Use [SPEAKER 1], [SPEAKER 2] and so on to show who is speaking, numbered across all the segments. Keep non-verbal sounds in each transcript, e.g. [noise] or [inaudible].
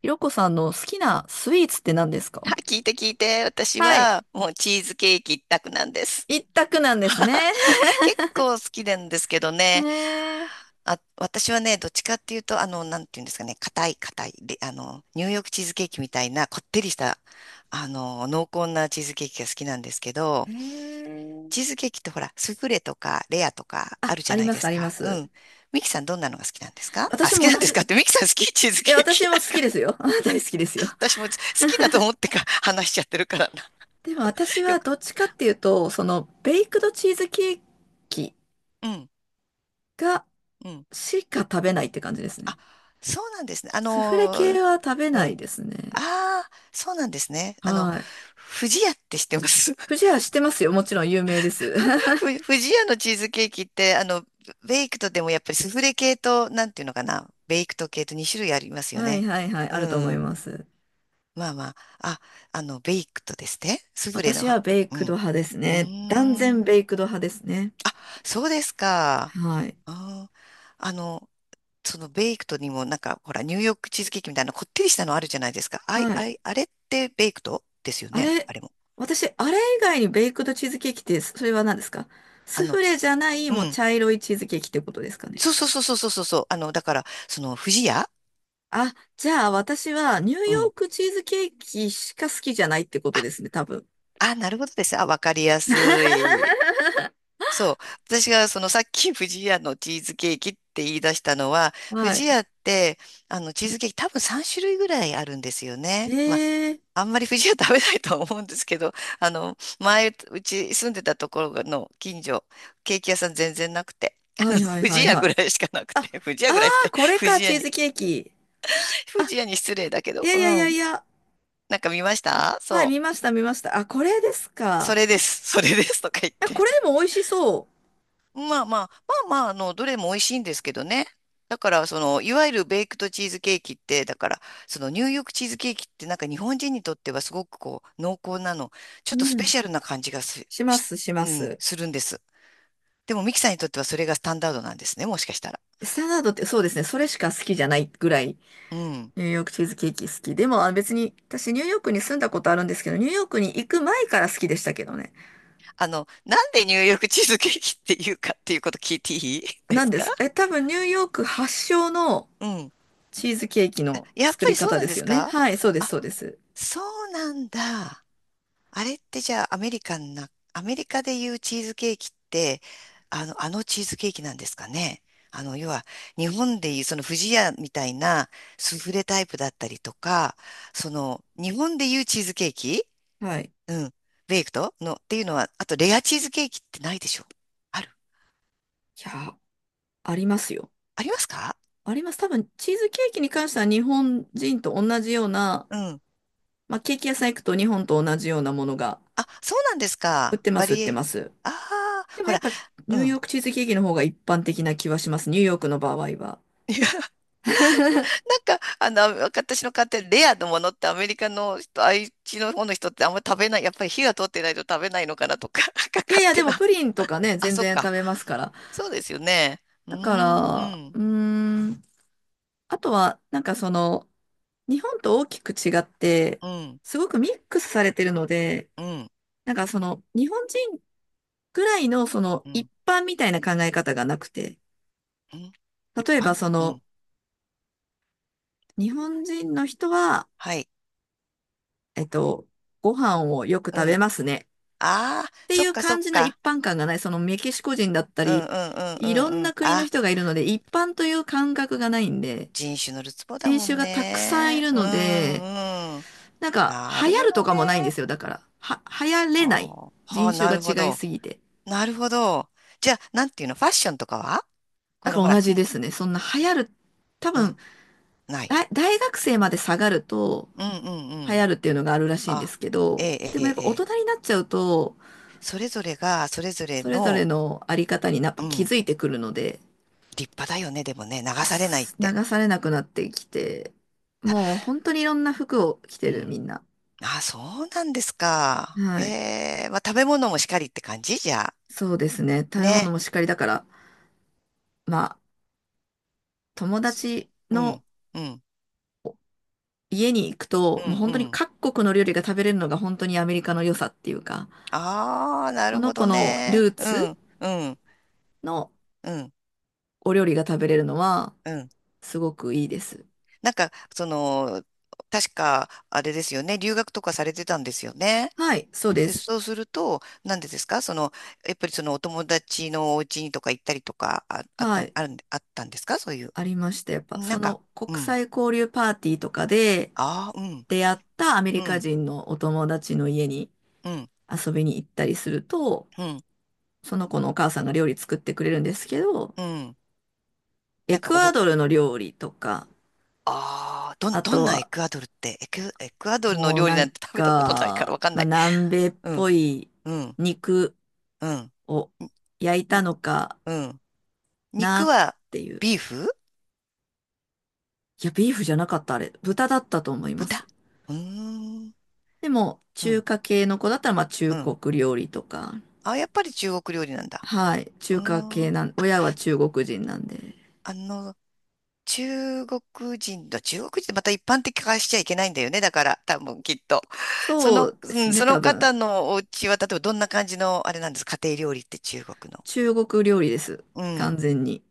[SPEAKER 1] ひろこさんの好きなスイーツって何です
[SPEAKER 2] は
[SPEAKER 1] か？
[SPEAKER 2] い、聞いて聞いて。私
[SPEAKER 1] はい。
[SPEAKER 2] はもうチーズケーキ一択なんです。
[SPEAKER 1] 一択なんですね。[laughs]
[SPEAKER 2] [laughs] 結構好きなんですけど
[SPEAKER 1] へ
[SPEAKER 2] ね。
[SPEAKER 1] えー、
[SPEAKER 2] あ、私はね、どっちかっていうと、なんていうんですかね、硬い硬い。で、ニューヨークチーズケーキみたいなこってりした、濃厚なチーズケーキが好きなんですけ
[SPEAKER 1] へ
[SPEAKER 2] ど、チー
[SPEAKER 1] ー
[SPEAKER 2] ズケーキってほら、スフレとかレアとかあ
[SPEAKER 1] あ、
[SPEAKER 2] るじ
[SPEAKER 1] あ
[SPEAKER 2] ゃ
[SPEAKER 1] り
[SPEAKER 2] ない
[SPEAKER 1] ま
[SPEAKER 2] で
[SPEAKER 1] す、あ
[SPEAKER 2] す
[SPEAKER 1] りま
[SPEAKER 2] か。う
[SPEAKER 1] す。
[SPEAKER 2] ん。ミキさんどんなのが好きなんですかあ、
[SPEAKER 1] 私
[SPEAKER 2] 好き
[SPEAKER 1] も
[SPEAKER 2] な
[SPEAKER 1] 同
[SPEAKER 2] んです
[SPEAKER 1] じ、
[SPEAKER 2] かって、ミキさん好きチーズ
[SPEAKER 1] え、
[SPEAKER 2] ケー
[SPEAKER 1] 私
[SPEAKER 2] キ？
[SPEAKER 1] も好
[SPEAKER 2] [laughs]
[SPEAKER 1] きですよ。[laughs] 大好きですよ。
[SPEAKER 2] 私も好きだと思ってか話しちゃってるからな。
[SPEAKER 1] でも私
[SPEAKER 2] [laughs] よ
[SPEAKER 1] は
[SPEAKER 2] く。
[SPEAKER 1] どっちかっていうと、その、ベイクドチーズケーキ
[SPEAKER 2] うん。
[SPEAKER 1] が、
[SPEAKER 2] うん
[SPEAKER 1] しか食べないって感じですね。
[SPEAKER 2] あ、そうなんですね。
[SPEAKER 1] スフレ系は食べ
[SPEAKER 2] う
[SPEAKER 1] ない
[SPEAKER 2] ん。
[SPEAKER 1] ですね。
[SPEAKER 2] ああ、そうなんですね。
[SPEAKER 1] はい。
[SPEAKER 2] 不二家って知ってます？
[SPEAKER 1] 不二
[SPEAKER 2] [laughs]
[SPEAKER 1] 家知ってますよ。もちろん有名です。[laughs]
[SPEAKER 2] 不二家のチーズケーキって、ベイクトでもやっぱりスフレ系と、なんていうのかな、ベイクト系と2種類ありますよ
[SPEAKER 1] はい
[SPEAKER 2] ね。
[SPEAKER 1] はいはい、
[SPEAKER 2] う
[SPEAKER 1] あると思い
[SPEAKER 2] ん。
[SPEAKER 1] ます。
[SPEAKER 2] まあまあ、あ、ベイクトですね。スフレの
[SPEAKER 1] 私は
[SPEAKER 2] は、
[SPEAKER 1] ベイ
[SPEAKER 2] う
[SPEAKER 1] クド
[SPEAKER 2] ん。
[SPEAKER 1] 派です
[SPEAKER 2] う
[SPEAKER 1] ね。断
[SPEAKER 2] ー
[SPEAKER 1] 然
[SPEAKER 2] ん。
[SPEAKER 1] ベイクド派ですね。
[SPEAKER 2] そうですか。
[SPEAKER 1] はい。
[SPEAKER 2] あー、あの、そのベイクトにもなんか、ほら、ニューヨークチーズケーキみたいなこってりしたのあるじゃないですか。あい、
[SPEAKER 1] は
[SPEAKER 2] あ
[SPEAKER 1] い。
[SPEAKER 2] い、あれってベイクトですよ
[SPEAKER 1] あ
[SPEAKER 2] ね。
[SPEAKER 1] れ、
[SPEAKER 2] あれも。
[SPEAKER 1] 私、あれ以外にベイクドチーズケーキって、それは何ですか？
[SPEAKER 2] あ
[SPEAKER 1] スフ
[SPEAKER 2] の、
[SPEAKER 1] レじゃない、
[SPEAKER 2] う
[SPEAKER 1] もう
[SPEAKER 2] ん。
[SPEAKER 1] 茶色いチーズケーキってことですかね。
[SPEAKER 2] そうそうそうそうそうそうそう。だから、その、不二家、
[SPEAKER 1] あ、じゃあ私はニュー
[SPEAKER 2] う
[SPEAKER 1] ヨ
[SPEAKER 2] ん。
[SPEAKER 1] ークチーズケーキしか好きじゃないってこと
[SPEAKER 2] あ、
[SPEAKER 1] ですね、多分。
[SPEAKER 2] あ、なるほどです。あ、わかりやす
[SPEAKER 1] [laughs]
[SPEAKER 2] い。そう。私がそのさっき不二家のチーズケーキって言い出したのは、不
[SPEAKER 1] は
[SPEAKER 2] 二
[SPEAKER 1] い。
[SPEAKER 2] 家って、チーズケーキ多分3種類ぐらいあるんですよね。まあ、
[SPEAKER 1] ええ
[SPEAKER 2] あんまり藤は食べないと思うんですけど、[laughs] 前、うち住んでたところの近所、ケーキ屋さん全然なくて、[laughs]
[SPEAKER 1] ー
[SPEAKER 2] あ
[SPEAKER 1] は
[SPEAKER 2] の
[SPEAKER 1] いはいは
[SPEAKER 2] 藤
[SPEAKER 1] い
[SPEAKER 2] 屋
[SPEAKER 1] はい。
[SPEAKER 2] ぐらいしかなく
[SPEAKER 1] あ、
[SPEAKER 2] て、[laughs] 藤屋
[SPEAKER 1] あ
[SPEAKER 2] ぐらいっ
[SPEAKER 1] あ
[SPEAKER 2] て、
[SPEAKER 1] これか、チーズケーキ。あ、
[SPEAKER 2] 藤屋に失礼だけ
[SPEAKER 1] い
[SPEAKER 2] ど、
[SPEAKER 1] や
[SPEAKER 2] う
[SPEAKER 1] いやいや
[SPEAKER 2] ん。
[SPEAKER 1] いや。
[SPEAKER 2] なんか見ました
[SPEAKER 1] はい、
[SPEAKER 2] そ
[SPEAKER 1] 見
[SPEAKER 2] う。
[SPEAKER 1] ました見ました。あ、これです
[SPEAKER 2] そ
[SPEAKER 1] か？
[SPEAKER 2] れです。それですとか言っ
[SPEAKER 1] あ、
[SPEAKER 2] て。
[SPEAKER 1] これでも美味しそう。
[SPEAKER 2] まあまあ、まあまあ、どれも美味しいんですけどね。だから、その、いわゆるベイクドチーズケーキって、だから、その、ニューヨークチーズケーキって、なんか日本人にとってはすごくこう、濃厚なの、ちょっと
[SPEAKER 1] う
[SPEAKER 2] スペ
[SPEAKER 1] ん。
[SPEAKER 2] シャルな感じが
[SPEAKER 1] します、しま
[SPEAKER 2] うん、
[SPEAKER 1] す。
[SPEAKER 2] するんです。でも、ミキさんにとってはそれがスタンダードなんですね、もしかしたら。
[SPEAKER 1] スタンダードってそうですね、それしか好きじゃないぐらい、
[SPEAKER 2] うん。
[SPEAKER 1] ニューヨークチーズケーキ好き。でも、あ別に、私ニューヨークに住んだことあるんですけど、ニューヨークに行く前から好きでしたけどね。
[SPEAKER 2] なんでニューヨークチーズケーキっていうかっていうこと聞いていいで
[SPEAKER 1] なん
[SPEAKER 2] す
[SPEAKER 1] で
[SPEAKER 2] か？
[SPEAKER 1] す。え、多分ニューヨーク発祥の
[SPEAKER 2] うん。
[SPEAKER 1] チーズケーキの
[SPEAKER 2] やっ
[SPEAKER 1] 作
[SPEAKER 2] ぱ
[SPEAKER 1] り
[SPEAKER 2] りそう
[SPEAKER 1] 方
[SPEAKER 2] なん
[SPEAKER 1] で
[SPEAKER 2] で
[SPEAKER 1] す
[SPEAKER 2] す
[SPEAKER 1] よね。
[SPEAKER 2] か？
[SPEAKER 1] はい、そうです、
[SPEAKER 2] あ、
[SPEAKER 1] そうです。
[SPEAKER 2] そうなんだ。あれってじゃあアメリカンな、アメリカでいうチーズケーキって、あのチーズケーキなんですかね。要は、日本でいうその不二家みたいなスフレタイプだったりとか、その、日本でいうチーズケーキ、
[SPEAKER 1] はい。い
[SPEAKER 2] うん。ベイクトのっていうのは、あとレアチーズケーキってないでしょ？ある？
[SPEAKER 1] や、ありますよ。
[SPEAKER 2] ありますか？
[SPEAKER 1] あります。多分、チーズケーキに関しては日本人と同じような、
[SPEAKER 2] うん。
[SPEAKER 1] まあ、ケーキ屋さん行くと日本と同じようなものが
[SPEAKER 2] あ、そうなんです
[SPEAKER 1] 売っ
[SPEAKER 2] か。
[SPEAKER 1] てま
[SPEAKER 2] バ
[SPEAKER 1] す、売っ
[SPEAKER 2] リ
[SPEAKER 1] て
[SPEAKER 2] エ。
[SPEAKER 1] ます。
[SPEAKER 2] ああ、
[SPEAKER 1] でも
[SPEAKER 2] ほ
[SPEAKER 1] やっ
[SPEAKER 2] ら、
[SPEAKER 1] ぱ
[SPEAKER 2] う
[SPEAKER 1] ニュー
[SPEAKER 2] ん。
[SPEAKER 1] ヨークチーズケーキの方が一般的な気はします。ニューヨークの場合は。
[SPEAKER 2] [laughs] な
[SPEAKER 1] [laughs]
[SPEAKER 2] んか、私の買ってるレアのものってアメリカの人、愛知の方の人ってあんま食べない、やっぱり火が通ってないと食べないのかなとか、[laughs] なんか
[SPEAKER 1] いやい
[SPEAKER 2] 勝
[SPEAKER 1] や、で
[SPEAKER 2] 手
[SPEAKER 1] も
[SPEAKER 2] な。
[SPEAKER 1] プリンとかね、
[SPEAKER 2] あ、
[SPEAKER 1] 全
[SPEAKER 2] そっ
[SPEAKER 1] 然食
[SPEAKER 2] か。
[SPEAKER 1] べますから。
[SPEAKER 2] そうですよね。うー
[SPEAKER 1] だか
[SPEAKER 2] ん、
[SPEAKER 1] ら、
[SPEAKER 2] うん、
[SPEAKER 1] うーん、あとは、なんかその、日本と大きく違って、
[SPEAKER 2] うん、
[SPEAKER 1] すごくミックスされてるので、
[SPEAKER 2] うん、
[SPEAKER 1] なんかその、日本人ぐらいのその、
[SPEAKER 2] う
[SPEAKER 1] 一
[SPEAKER 2] ん、
[SPEAKER 1] 般みたいな考え方がなくて、
[SPEAKER 2] うん、一
[SPEAKER 1] 例えば
[SPEAKER 2] 般、
[SPEAKER 1] そ
[SPEAKER 2] う
[SPEAKER 1] の、
[SPEAKER 2] ん、
[SPEAKER 1] 日本人の人は、
[SPEAKER 2] はい、
[SPEAKER 1] えっと、ご飯をよく
[SPEAKER 2] う
[SPEAKER 1] 食べ
[SPEAKER 2] ん。
[SPEAKER 1] ますね。
[SPEAKER 2] ああ、
[SPEAKER 1] って
[SPEAKER 2] そ
[SPEAKER 1] い
[SPEAKER 2] っ
[SPEAKER 1] う
[SPEAKER 2] かそ
[SPEAKER 1] 感
[SPEAKER 2] っ
[SPEAKER 1] じの一
[SPEAKER 2] か。
[SPEAKER 1] 般感がない。そのメキシコ人だった
[SPEAKER 2] うん、うん、う
[SPEAKER 1] り、
[SPEAKER 2] ん、
[SPEAKER 1] いろ
[SPEAKER 2] う
[SPEAKER 1] ん
[SPEAKER 2] ん、う
[SPEAKER 1] な
[SPEAKER 2] ん。
[SPEAKER 1] 国の
[SPEAKER 2] あ、
[SPEAKER 1] 人がいるので、一般という感覚がないんで、
[SPEAKER 2] 人種のるつぼだ
[SPEAKER 1] 人
[SPEAKER 2] も
[SPEAKER 1] 種
[SPEAKER 2] ん
[SPEAKER 1] がたくさんい
[SPEAKER 2] ね。
[SPEAKER 1] る
[SPEAKER 2] うん、
[SPEAKER 1] ので、
[SPEAKER 2] うん。
[SPEAKER 1] なんか、
[SPEAKER 2] な
[SPEAKER 1] 流
[SPEAKER 2] る
[SPEAKER 1] 行
[SPEAKER 2] ほ
[SPEAKER 1] る
[SPEAKER 2] ど
[SPEAKER 1] とかもないんで
[SPEAKER 2] ね。
[SPEAKER 1] すよ。だから、は、流行
[SPEAKER 2] あ
[SPEAKER 1] れない。
[SPEAKER 2] ーはあ、
[SPEAKER 1] 人種
[SPEAKER 2] な
[SPEAKER 1] が
[SPEAKER 2] るほ
[SPEAKER 1] 違い
[SPEAKER 2] ど。
[SPEAKER 1] すぎて。
[SPEAKER 2] なるほど。じゃあ、なんていうの、ファッションとかはこ
[SPEAKER 1] だか
[SPEAKER 2] のほ
[SPEAKER 1] ら
[SPEAKER 2] ら、ん、
[SPEAKER 1] 同じですね。そんな流行る、多分、
[SPEAKER 2] あ、ない。
[SPEAKER 1] 大大学生まで下がると、
[SPEAKER 2] うんうんう
[SPEAKER 1] 流
[SPEAKER 2] ん。
[SPEAKER 1] 行るっていうのがあるらしいんで
[SPEAKER 2] あ、
[SPEAKER 1] すけ
[SPEAKER 2] え
[SPEAKER 1] ど、
[SPEAKER 2] え
[SPEAKER 1] で
[SPEAKER 2] え
[SPEAKER 1] もやっぱ
[SPEAKER 2] ええ
[SPEAKER 1] 大
[SPEAKER 2] え、
[SPEAKER 1] 人になっちゃうと、
[SPEAKER 2] それぞれが、それぞれ
[SPEAKER 1] それぞれ
[SPEAKER 2] の、
[SPEAKER 1] のあり方になっぱ
[SPEAKER 2] う
[SPEAKER 1] 気
[SPEAKER 2] ん、
[SPEAKER 1] づいてくるので、
[SPEAKER 2] 立派だよね、でもね、流されないっ
[SPEAKER 1] す
[SPEAKER 2] て。
[SPEAKER 1] 流されなくなってきて、もう本当にいろんな服を着て
[SPEAKER 2] う
[SPEAKER 1] る、み
[SPEAKER 2] ん。
[SPEAKER 1] んな。
[SPEAKER 2] あ、そうなんですか。へ
[SPEAKER 1] はい。
[SPEAKER 2] え、まあ、食べ物もしかりって感じじゃあ。
[SPEAKER 1] そうですね。食べ物
[SPEAKER 2] ね。
[SPEAKER 1] もしっかりだから、まあ、友
[SPEAKER 2] す
[SPEAKER 1] 達
[SPEAKER 2] う
[SPEAKER 1] の
[SPEAKER 2] ん、うん、
[SPEAKER 1] 家に行く
[SPEAKER 2] う
[SPEAKER 1] と、も
[SPEAKER 2] ん、
[SPEAKER 1] う本
[SPEAKER 2] う
[SPEAKER 1] 当に
[SPEAKER 2] ん。
[SPEAKER 1] 各国の料理が食べれるのが本当にアメリカの良さっていうか、
[SPEAKER 2] ああ、な
[SPEAKER 1] そ
[SPEAKER 2] る
[SPEAKER 1] の
[SPEAKER 2] ほ
[SPEAKER 1] 子
[SPEAKER 2] ど
[SPEAKER 1] の
[SPEAKER 2] ね。
[SPEAKER 1] ルー
[SPEAKER 2] う
[SPEAKER 1] ツ
[SPEAKER 2] ん、うん、
[SPEAKER 1] の
[SPEAKER 2] うん、
[SPEAKER 1] お料理が食べれるのは、
[SPEAKER 2] うん。
[SPEAKER 1] すごくいいです。
[SPEAKER 2] なんか、その、確か、あれですよね、留学とかされてたんですよね。
[SPEAKER 1] はい、そうで
[SPEAKER 2] で、
[SPEAKER 1] す。
[SPEAKER 2] そうすると、なんでですかその、やっぱりそのお友達のお家にとか行ったりとか、あ、あっ
[SPEAKER 1] は
[SPEAKER 2] た、
[SPEAKER 1] い、
[SPEAKER 2] あるん、あったんですかそういう。
[SPEAKER 1] ありました。やっぱ、
[SPEAKER 2] な
[SPEAKER 1] そ
[SPEAKER 2] んか、
[SPEAKER 1] の
[SPEAKER 2] う
[SPEAKER 1] 国
[SPEAKER 2] ん。
[SPEAKER 1] 際交流パーティーとかで
[SPEAKER 2] ああ、うん、
[SPEAKER 1] 出会ったアメ
[SPEAKER 2] う
[SPEAKER 1] リカ
[SPEAKER 2] ん、
[SPEAKER 1] 人のお友達の家に、
[SPEAKER 2] うん、
[SPEAKER 1] 遊びに行ったりすると、
[SPEAKER 2] うん、
[SPEAKER 1] その子のお母さんが料理作ってくれるんですけど、
[SPEAKER 2] うん。な
[SPEAKER 1] エ
[SPEAKER 2] んか、
[SPEAKER 1] クアドルの料理とか、
[SPEAKER 2] ああ、
[SPEAKER 1] あ
[SPEAKER 2] ど
[SPEAKER 1] と
[SPEAKER 2] んなエ
[SPEAKER 1] は
[SPEAKER 2] クアドルって、エクアドルの
[SPEAKER 1] もう
[SPEAKER 2] 料理
[SPEAKER 1] な
[SPEAKER 2] なん
[SPEAKER 1] ん
[SPEAKER 2] て食べたことないから
[SPEAKER 1] か、
[SPEAKER 2] わかん
[SPEAKER 1] ま
[SPEAKER 2] な
[SPEAKER 1] あ、
[SPEAKER 2] い。
[SPEAKER 1] 南米っ
[SPEAKER 2] うん、
[SPEAKER 1] ぽい
[SPEAKER 2] うん、
[SPEAKER 1] 肉
[SPEAKER 2] うん、
[SPEAKER 1] を焼い
[SPEAKER 2] う
[SPEAKER 1] た
[SPEAKER 2] ん。
[SPEAKER 1] のか
[SPEAKER 2] うん、
[SPEAKER 1] な
[SPEAKER 2] 肉
[SPEAKER 1] っ
[SPEAKER 2] は？
[SPEAKER 1] ていう。
[SPEAKER 2] ビーフ？
[SPEAKER 1] いや、ビーフじゃなかった、あれ。豚だったと思います。
[SPEAKER 2] 豚？うーん。
[SPEAKER 1] でも、
[SPEAKER 2] う
[SPEAKER 1] 中
[SPEAKER 2] ん
[SPEAKER 1] 華系の子だったら、まあ、中
[SPEAKER 2] うん。
[SPEAKER 1] 国料理とか、
[SPEAKER 2] あ、やっぱり中国料理なんだ。
[SPEAKER 1] はい、
[SPEAKER 2] う
[SPEAKER 1] 中華
[SPEAKER 2] ー
[SPEAKER 1] 系
[SPEAKER 2] ん。
[SPEAKER 1] なん、親は中国人なんで。
[SPEAKER 2] あの、中国中国人ってまた一般的化しちゃいけないんだよね。だから、多分きっと。そ
[SPEAKER 1] そ
[SPEAKER 2] の、
[SPEAKER 1] うで
[SPEAKER 2] う
[SPEAKER 1] す
[SPEAKER 2] ん、
[SPEAKER 1] ね、
[SPEAKER 2] その
[SPEAKER 1] 多分。
[SPEAKER 2] 方のお家は、例えばどんな感じの、あれなんですか、家庭料理って中国の。
[SPEAKER 1] 中国料理です。
[SPEAKER 2] う
[SPEAKER 1] 完
[SPEAKER 2] ん。
[SPEAKER 1] 全に。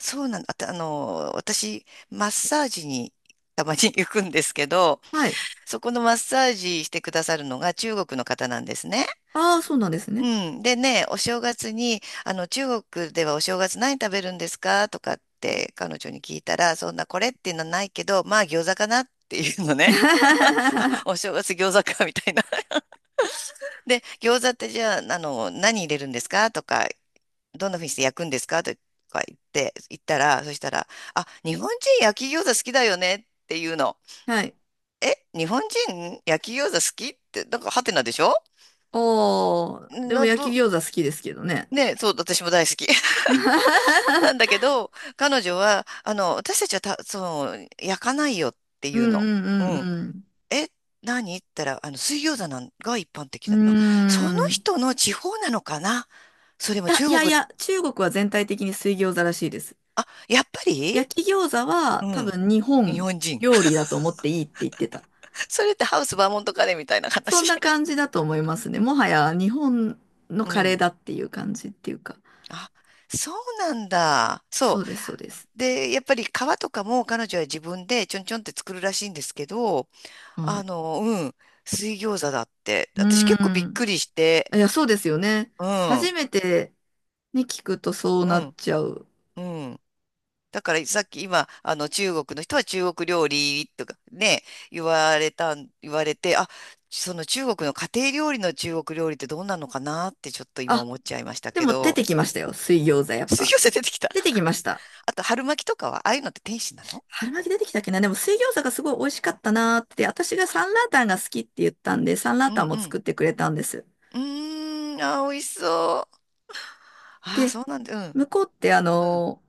[SPEAKER 2] そうなんだ。あと私、マッサージにたまに行くんですけど、
[SPEAKER 1] はい。
[SPEAKER 2] そこのマッサージしてくださるのが中国の方なんですね。
[SPEAKER 1] ああ、そうなんです
[SPEAKER 2] う
[SPEAKER 1] ね。
[SPEAKER 2] ん。でね、お正月に、中国ではお正月何食べるんですかとかって彼女に聞いたら、そんなこれっていうのはないけど、まあ餃子かなっていうのね。[laughs] あ
[SPEAKER 1] [laughs]
[SPEAKER 2] お正月餃子かみたいな。で、餃子ってじゃあ、何入れるんですかとか、どんな風にして焼くんですかとか言って、言ったら、そしたら、あ、日本人焼き餃子好きだよねっていうの。
[SPEAKER 1] はい。
[SPEAKER 2] え、日本人焼き餃子好きって、なんかハテナでしょ？
[SPEAKER 1] おー、でも
[SPEAKER 2] な、
[SPEAKER 1] 焼き
[SPEAKER 2] ど、
[SPEAKER 1] 餃子好きですけどね。
[SPEAKER 2] ね、そう、私も大好き。
[SPEAKER 1] [laughs]
[SPEAKER 2] なんだけど、彼女は、私たちはた、その、焼かないよって
[SPEAKER 1] う
[SPEAKER 2] いう
[SPEAKER 1] んう
[SPEAKER 2] の。う
[SPEAKER 1] ん
[SPEAKER 2] ん。
[SPEAKER 1] うん
[SPEAKER 2] え、何って言ったら、水餃子なんが一般的
[SPEAKER 1] うん。
[SPEAKER 2] だ。まあ、その
[SPEAKER 1] うーん。
[SPEAKER 2] 人の地方なのかな？それ
[SPEAKER 1] い
[SPEAKER 2] も
[SPEAKER 1] や、い
[SPEAKER 2] 中
[SPEAKER 1] やい
[SPEAKER 2] 国、
[SPEAKER 1] や、中国は全体的に水餃子らしいです。
[SPEAKER 2] あ、やっぱり、
[SPEAKER 1] 焼き餃子は
[SPEAKER 2] う
[SPEAKER 1] 多
[SPEAKER 2] ん。
[SPEAKER 1] 分日
[SPEAKER 2] 日
[SPEAKER 1] 本
[SPEAKER 2] 本人。
[SPEAKER 1] 料
[SPEAKER 2] [laughs]
[SPEAKER 1] 理だと思っていいって言ってた。
[SPEAKER 2] それってハウスバーモントカレーみたいな
[SPEAKER 1] そん
[SPEAKER 2] 話。
[SPEAKER 1] な感じだと思いますね。もはや日本
[SPEAKER 2] [laughs]
[SPEAKER 1] の
[SPEAKER 2] う
[SPEAKER 1] カレー
[SPEAKER 2] ん。
[SPEAKER 1] だっていう感じっていうか。
[SPEAKER 2] あ、そうなんだ。
[SPEAKER 1] そ
[SPEAKER 2] そ
[SPEAKER 1] うです、そうです。
[SPEAKER 2] う。で、やっぱり皮とかも彼女は自分でちょんちょんって作るらしいんですけど、
[SPEAKER 1] はい。
[SPEAKER 2] うん。水餃子だって。
[SPEAKER 1] う
[SPEAKER 2] 私結構び
[SPEAKER 1] ー
[SPEAKER 2] っく
[SPEAKER 1] ん。
[SPEAKER 2] りして、
[SPEAKER 1] いや、そうですよね。
[SPEAKER 2] うん、う
[SPEAKER 1] 初めてね、聞くとそうなっ
[SPEAKER 2] ん、
[SPEAKER 1] ちゃう。
[SPEAKER 2] うん。だからさっき今、あの中国の人は中国料理とかね、言われたん、言われて、あ、その中国の家庭料理の中国料理ってどうなのかなってちょっと今
[SPEAKER 1] あ、
[SPEAKER 2] 思っちゃいました
[SPEAKER 1] で
[SPEAKER 2] け
[SPEAKER 1] も出
[SPEAKER 2] ど、
[SPEAKER 1] てきましたよ。水餃子やっ
[SPEAKER 2] 水
[SPEAKER 1] ぱ。
[SPEAKER 2] 餃子出てきた。
[SPEAKER 1] 出てきました。
[SPEAKER 2] あと春巻きとかは、ああいうのって天使なの？
[SPEAKER 1] 春巻き出てきたっけなでも水餃子がすごい美味しかったなーって、私がサンラータンが好きって言ったんで、サンラー
[SPEAKER 2] うん
[SPEAKER 1] タンも
[SPEAKER 2] うん。
[SPEAKER 1] 作ってくれたんです。
[SPEAKER 2] うーん、あー、美味しそう。ああ、
[SPEAKER 1] で、
[SPEAKER 2] そうなんだ。うん、
[SPEAKER 1] 向こうってあ
[SPEAKER 2] うん。
[SPEAKER 1] の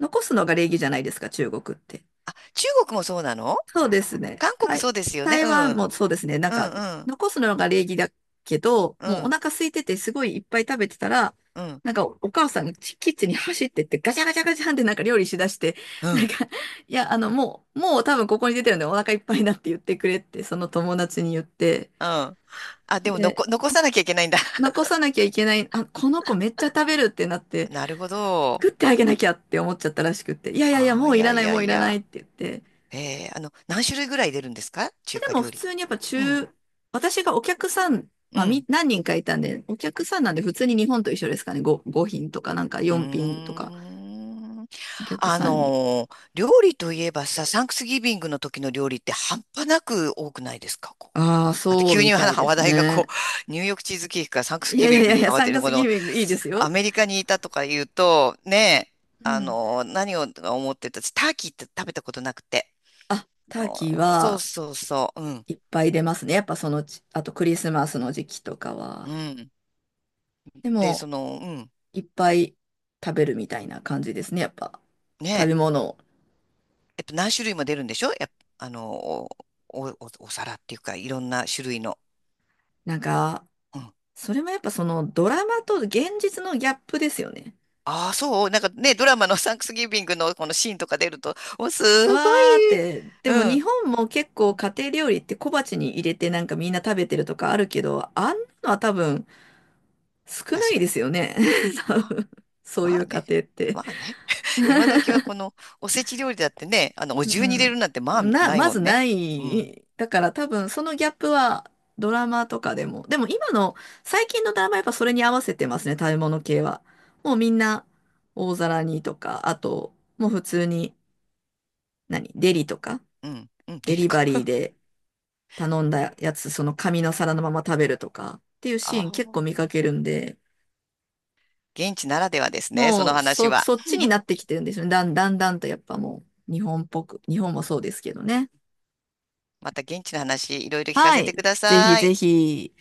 [SPEAKER 1] 残すのが礼儀じゃないですか、中国って。
[SPEAKER 2] 中国もそうなの？
[SPEAKER 1] そうですね。
[SPEAKER 2] 韓国
[SPEAKER 1] 台、
[SPEAKER 2] そうですよね。
[SPEAKER 1] 台
[SPEAKER 2] うん。
[SPEAKER 1] 湾もそうですね。なん
[SPEAKER 2] う
[SPEAKER 1] か、
[SPEAKER 2] ん、うん、
[SPEAKER 1] 残すのが礼儀だけど、
[SPEAKER 2] う
[SPEAKER 1] もうお
[SPEAKER 2] ん、
[SPEAKER 1] 腹空いててすごいいっぱい食べてたら、
[SPEAKER 2] うん、
[SPEAKER 1] なんかおお母さんがキキッチンに走ってってガチャガチャガチャンってなんか料理しだして、
[SPEAKER 2] う
[SPEAKER 1] なん
[SPEAKER 2] ん。
[SPEAKER 1] か、[laughs] いや、あの、もう、もう多分ここに出てるんでお腹いっぱいだって言ってくれって、その友達に言って、
[SPEAKER 2] うん、あ、でも
[SPEAKER 1] で、
[SPEAKER 2] 残、残さなきゃいけないんだ。
[SPEAKER 1] 残さなきゃいけない、あ、この子めっちゃ食べるってなって、
[SPEAKER 2] なるほど。
[SPEAKER 1] 作ってあげなきゃって思っちゃったらしくって、いやいやいや、
[SPEAKER 2] ああ、
[SPEAKER 1] も
[SPEAKER 2] い
[SPEAKER 1] うい
[SPEAKER 2] や
[SPEAKER 1] ら
[SPEAKER 2] い
[SPEAKER 1] ない
[SPEAKER 2] や
[SPEAKER 1] もうい
[SPEAKER 2] い
[SPEAKER 1] らないっ
[SPEAKER 2] や。
[SPEAKER 1] て言って、
[SPEAKER 2] ええ、何種類ぐらい出るんですか
[SPEAKER 1] で
[SPEAKER 2] 中華
[SPEAKER 1] も
[SPEAKER 2] 料
[SPEAKER 1] 普
[SPEAKER 2] 理？
[SPEAKER 1] 通にやっぱ
[SPEAKER 2] うん、
[SPEAKER 1] 中、私がお客さん、
[SPEAKER 2] う
[SPEAKER 1] まあ、み、
[SPEAKER 2] ん。
[SPEAKER 1] 何人かいたんで、お客さんなんで普通に日本と一緒ですかね。5、5品とかなんか
[SPEAKER 2] う
[SPEAKER 1] 4品と
[SPEAKER 2] ー
[SPEAKER 1] か、
[SPEAKER 2] ん。
[SPEAKER 1] お客さんに。
[SPEAKER 2] 料理といえばさ、サンクスギビングの時の料理って半端なく多くないですかこう？
[SPEAKER 1] ああ、
[SPEAKER 2] あと
[SPEAKER 1] そう
[SPEAKER 2] 急
[SPEAKER 1] み
[SPEAKER 2] に
[SPEAKER 1] たいで
[SPEAKER 2] 話
[SPEAKER 1] す
[SPEAKER 2] 題がこ
[SPEAKER 1] ね。
[SPEAKER 2] う、[laughs] ニューヨークチーズケーキからサンクス
[SPEAKER 1] い
[SPEAKER 2] ギ
[SPEAKER 1] やい
[SPEAKER 2] ビ
[SPEAKER 1] や
[SPEAKER 2] ン
[SPEAKER 1] い
[SPEAKER 2] グ
[SPEAKER 1] やい
[SPEAKER 2] に
[SPEAKER 1] や、
[SPEAKER 2] 変わって
[SPEAKER 1] 3
[SPEAKER 2] る、こ
[SPEAKER 1] 月
[SPEAKER 2] の
[SPEAKER 1] ギビングいいです
[SPEAKER 2] ア
[SPEAKER 1] よ。
[SPEAKER 2] メリカにいたとか言うと、ねえ、
[SPEAKER 1] うん。
[SPEAKER 2] 何を思ってた、私ターキーって食べたことなくて。
[SPEAKER 1] あ、タ
[SPEAKER 2] あ
[SPEAKER 1] ー
[SPEAKER 2] の
[SPEAKER 1] キー
[SPEAKER 2] そう
[SPEAKER 1] は
[SPEAKER 2] そうそう、うん、
[SPEAKER 1] いっぱい出ますね。やっぱそのち、あとクリスマスの時期とかは。
[SPEAKER 2] うん。
[SPEAKER 1] で
[SPEAKER 2] で、そ
[SPEAKER 1] も、
[SPEAKER 2] の、うん、
[SPEAKER 1] いっぱい食べるみたいな感じですね。やっぱ、
[SPEAKER 2] ね
[SPEAKER 1] 食べ
[SPEAKER 2] え、
[SPEAKER 1] 物を。
[SPEAKER 2] やっぱ何種類も出るんでしょやっぱ、お、お、おお皿っていうか、いろんな種類の。
[SPEAKER 1] なんか、
[SPEAKER 2] うん。
[SPEAKER 1] それもやっぱそのドラマと現実のギャップですよね。
[SPEAKER 2] ああ、そう、なんかね、ドラマの [laughs] サンクスギビングのこのシーンとか出ると、もうすご
[SPEAKER 1] わーっ
[SPEAKER 2] い、
[SPEAKER 1] て、でも
[SPEAKER 2] う
[SPEAKER 1] 日
[SPEAKER 2] ん。
[SPEAKER 1] 本も結構家庭料理って小鉢に入れてなんかみんな食べてるとかあるけど、あんなのは多分少な
[SPEAKER 2] 確
[SPEAKER 1] い
[SPEAKER 2] か、
[SPEAKER 1] ですよね。[laughs] 多
[SPEAKER 2] まあ、
[SPEAKER 1] 分そうい
[SPEAKER 2] まあ
[SPEAKER 1] う家
[SPEAKER 2] ね、
[SPEAKER 1] 庭って。
[SPEAKER 2] まあね。[laughs] 今時はこのおせち料理だってね、お
[SPEAKER 1] う
[SPEAKER 2] 重に入れる
[SPEAKER 1] ん。
[SPEAKER 2] なんてまあ
[SPEAKER 1] な、
[SPEAKER 2] ない
[SPEAKER 1] ま
[SPEAKER 2] も
[SPEAKER 1] ず
[SPEAKER 2] んね。
[SPEAKER 1] な
[SPEAKER 2] うん、
[SPEAKER 1] い。だから多分そのギャップはドラマとかでも。でも今の最近のドラマやっぱそれに合わせてますね、食べ物系は。もうみんな大皿にとか、あともう普通に何デリとか。
[SPEAKER 2] うん、うん、
[SPEAKER 1] デ
[SPEAKER 2] デリ
[SPEAKER 1] リ
[SPEAKER 2] カ。
[SPEAKER 1] バリー
[SPEAKER 2] [laughs]
[SPEAKER 1] で頼んだやつ、その紙の皿のまま食べるとかっていう
[SPEAKER 2] あ
[SPEAKER 1] シーン結
[SPEAKER 2] あ、
[SPEAKER 1] 構見かけるんで、
[SPEAKER 2] 現地ならではですね、その
[SPEAKER 1] もう
[SPEAKER 2] 話
[SPEAKER 1] そ、
[SPEAKER 2] は。
[SPEAKER 1] そっちになってきてるんですよね。だんだんだんとやっぱもう日本っぽく、日本もそうですけどね。
[SPEAKER 2] また現地の話、いろいろ聞か
[SPEAKER 1] は
[SPEAKER 2] せてく
[SPEAKER 1] い。
[SPEAKER 2] だ
[SPEAKER 1] ぜひ
[SPEAKER 2] さ
[SPEAKER 1] ぜ
[SPEAKER 2] い。
[SPEAKER 1] ひ。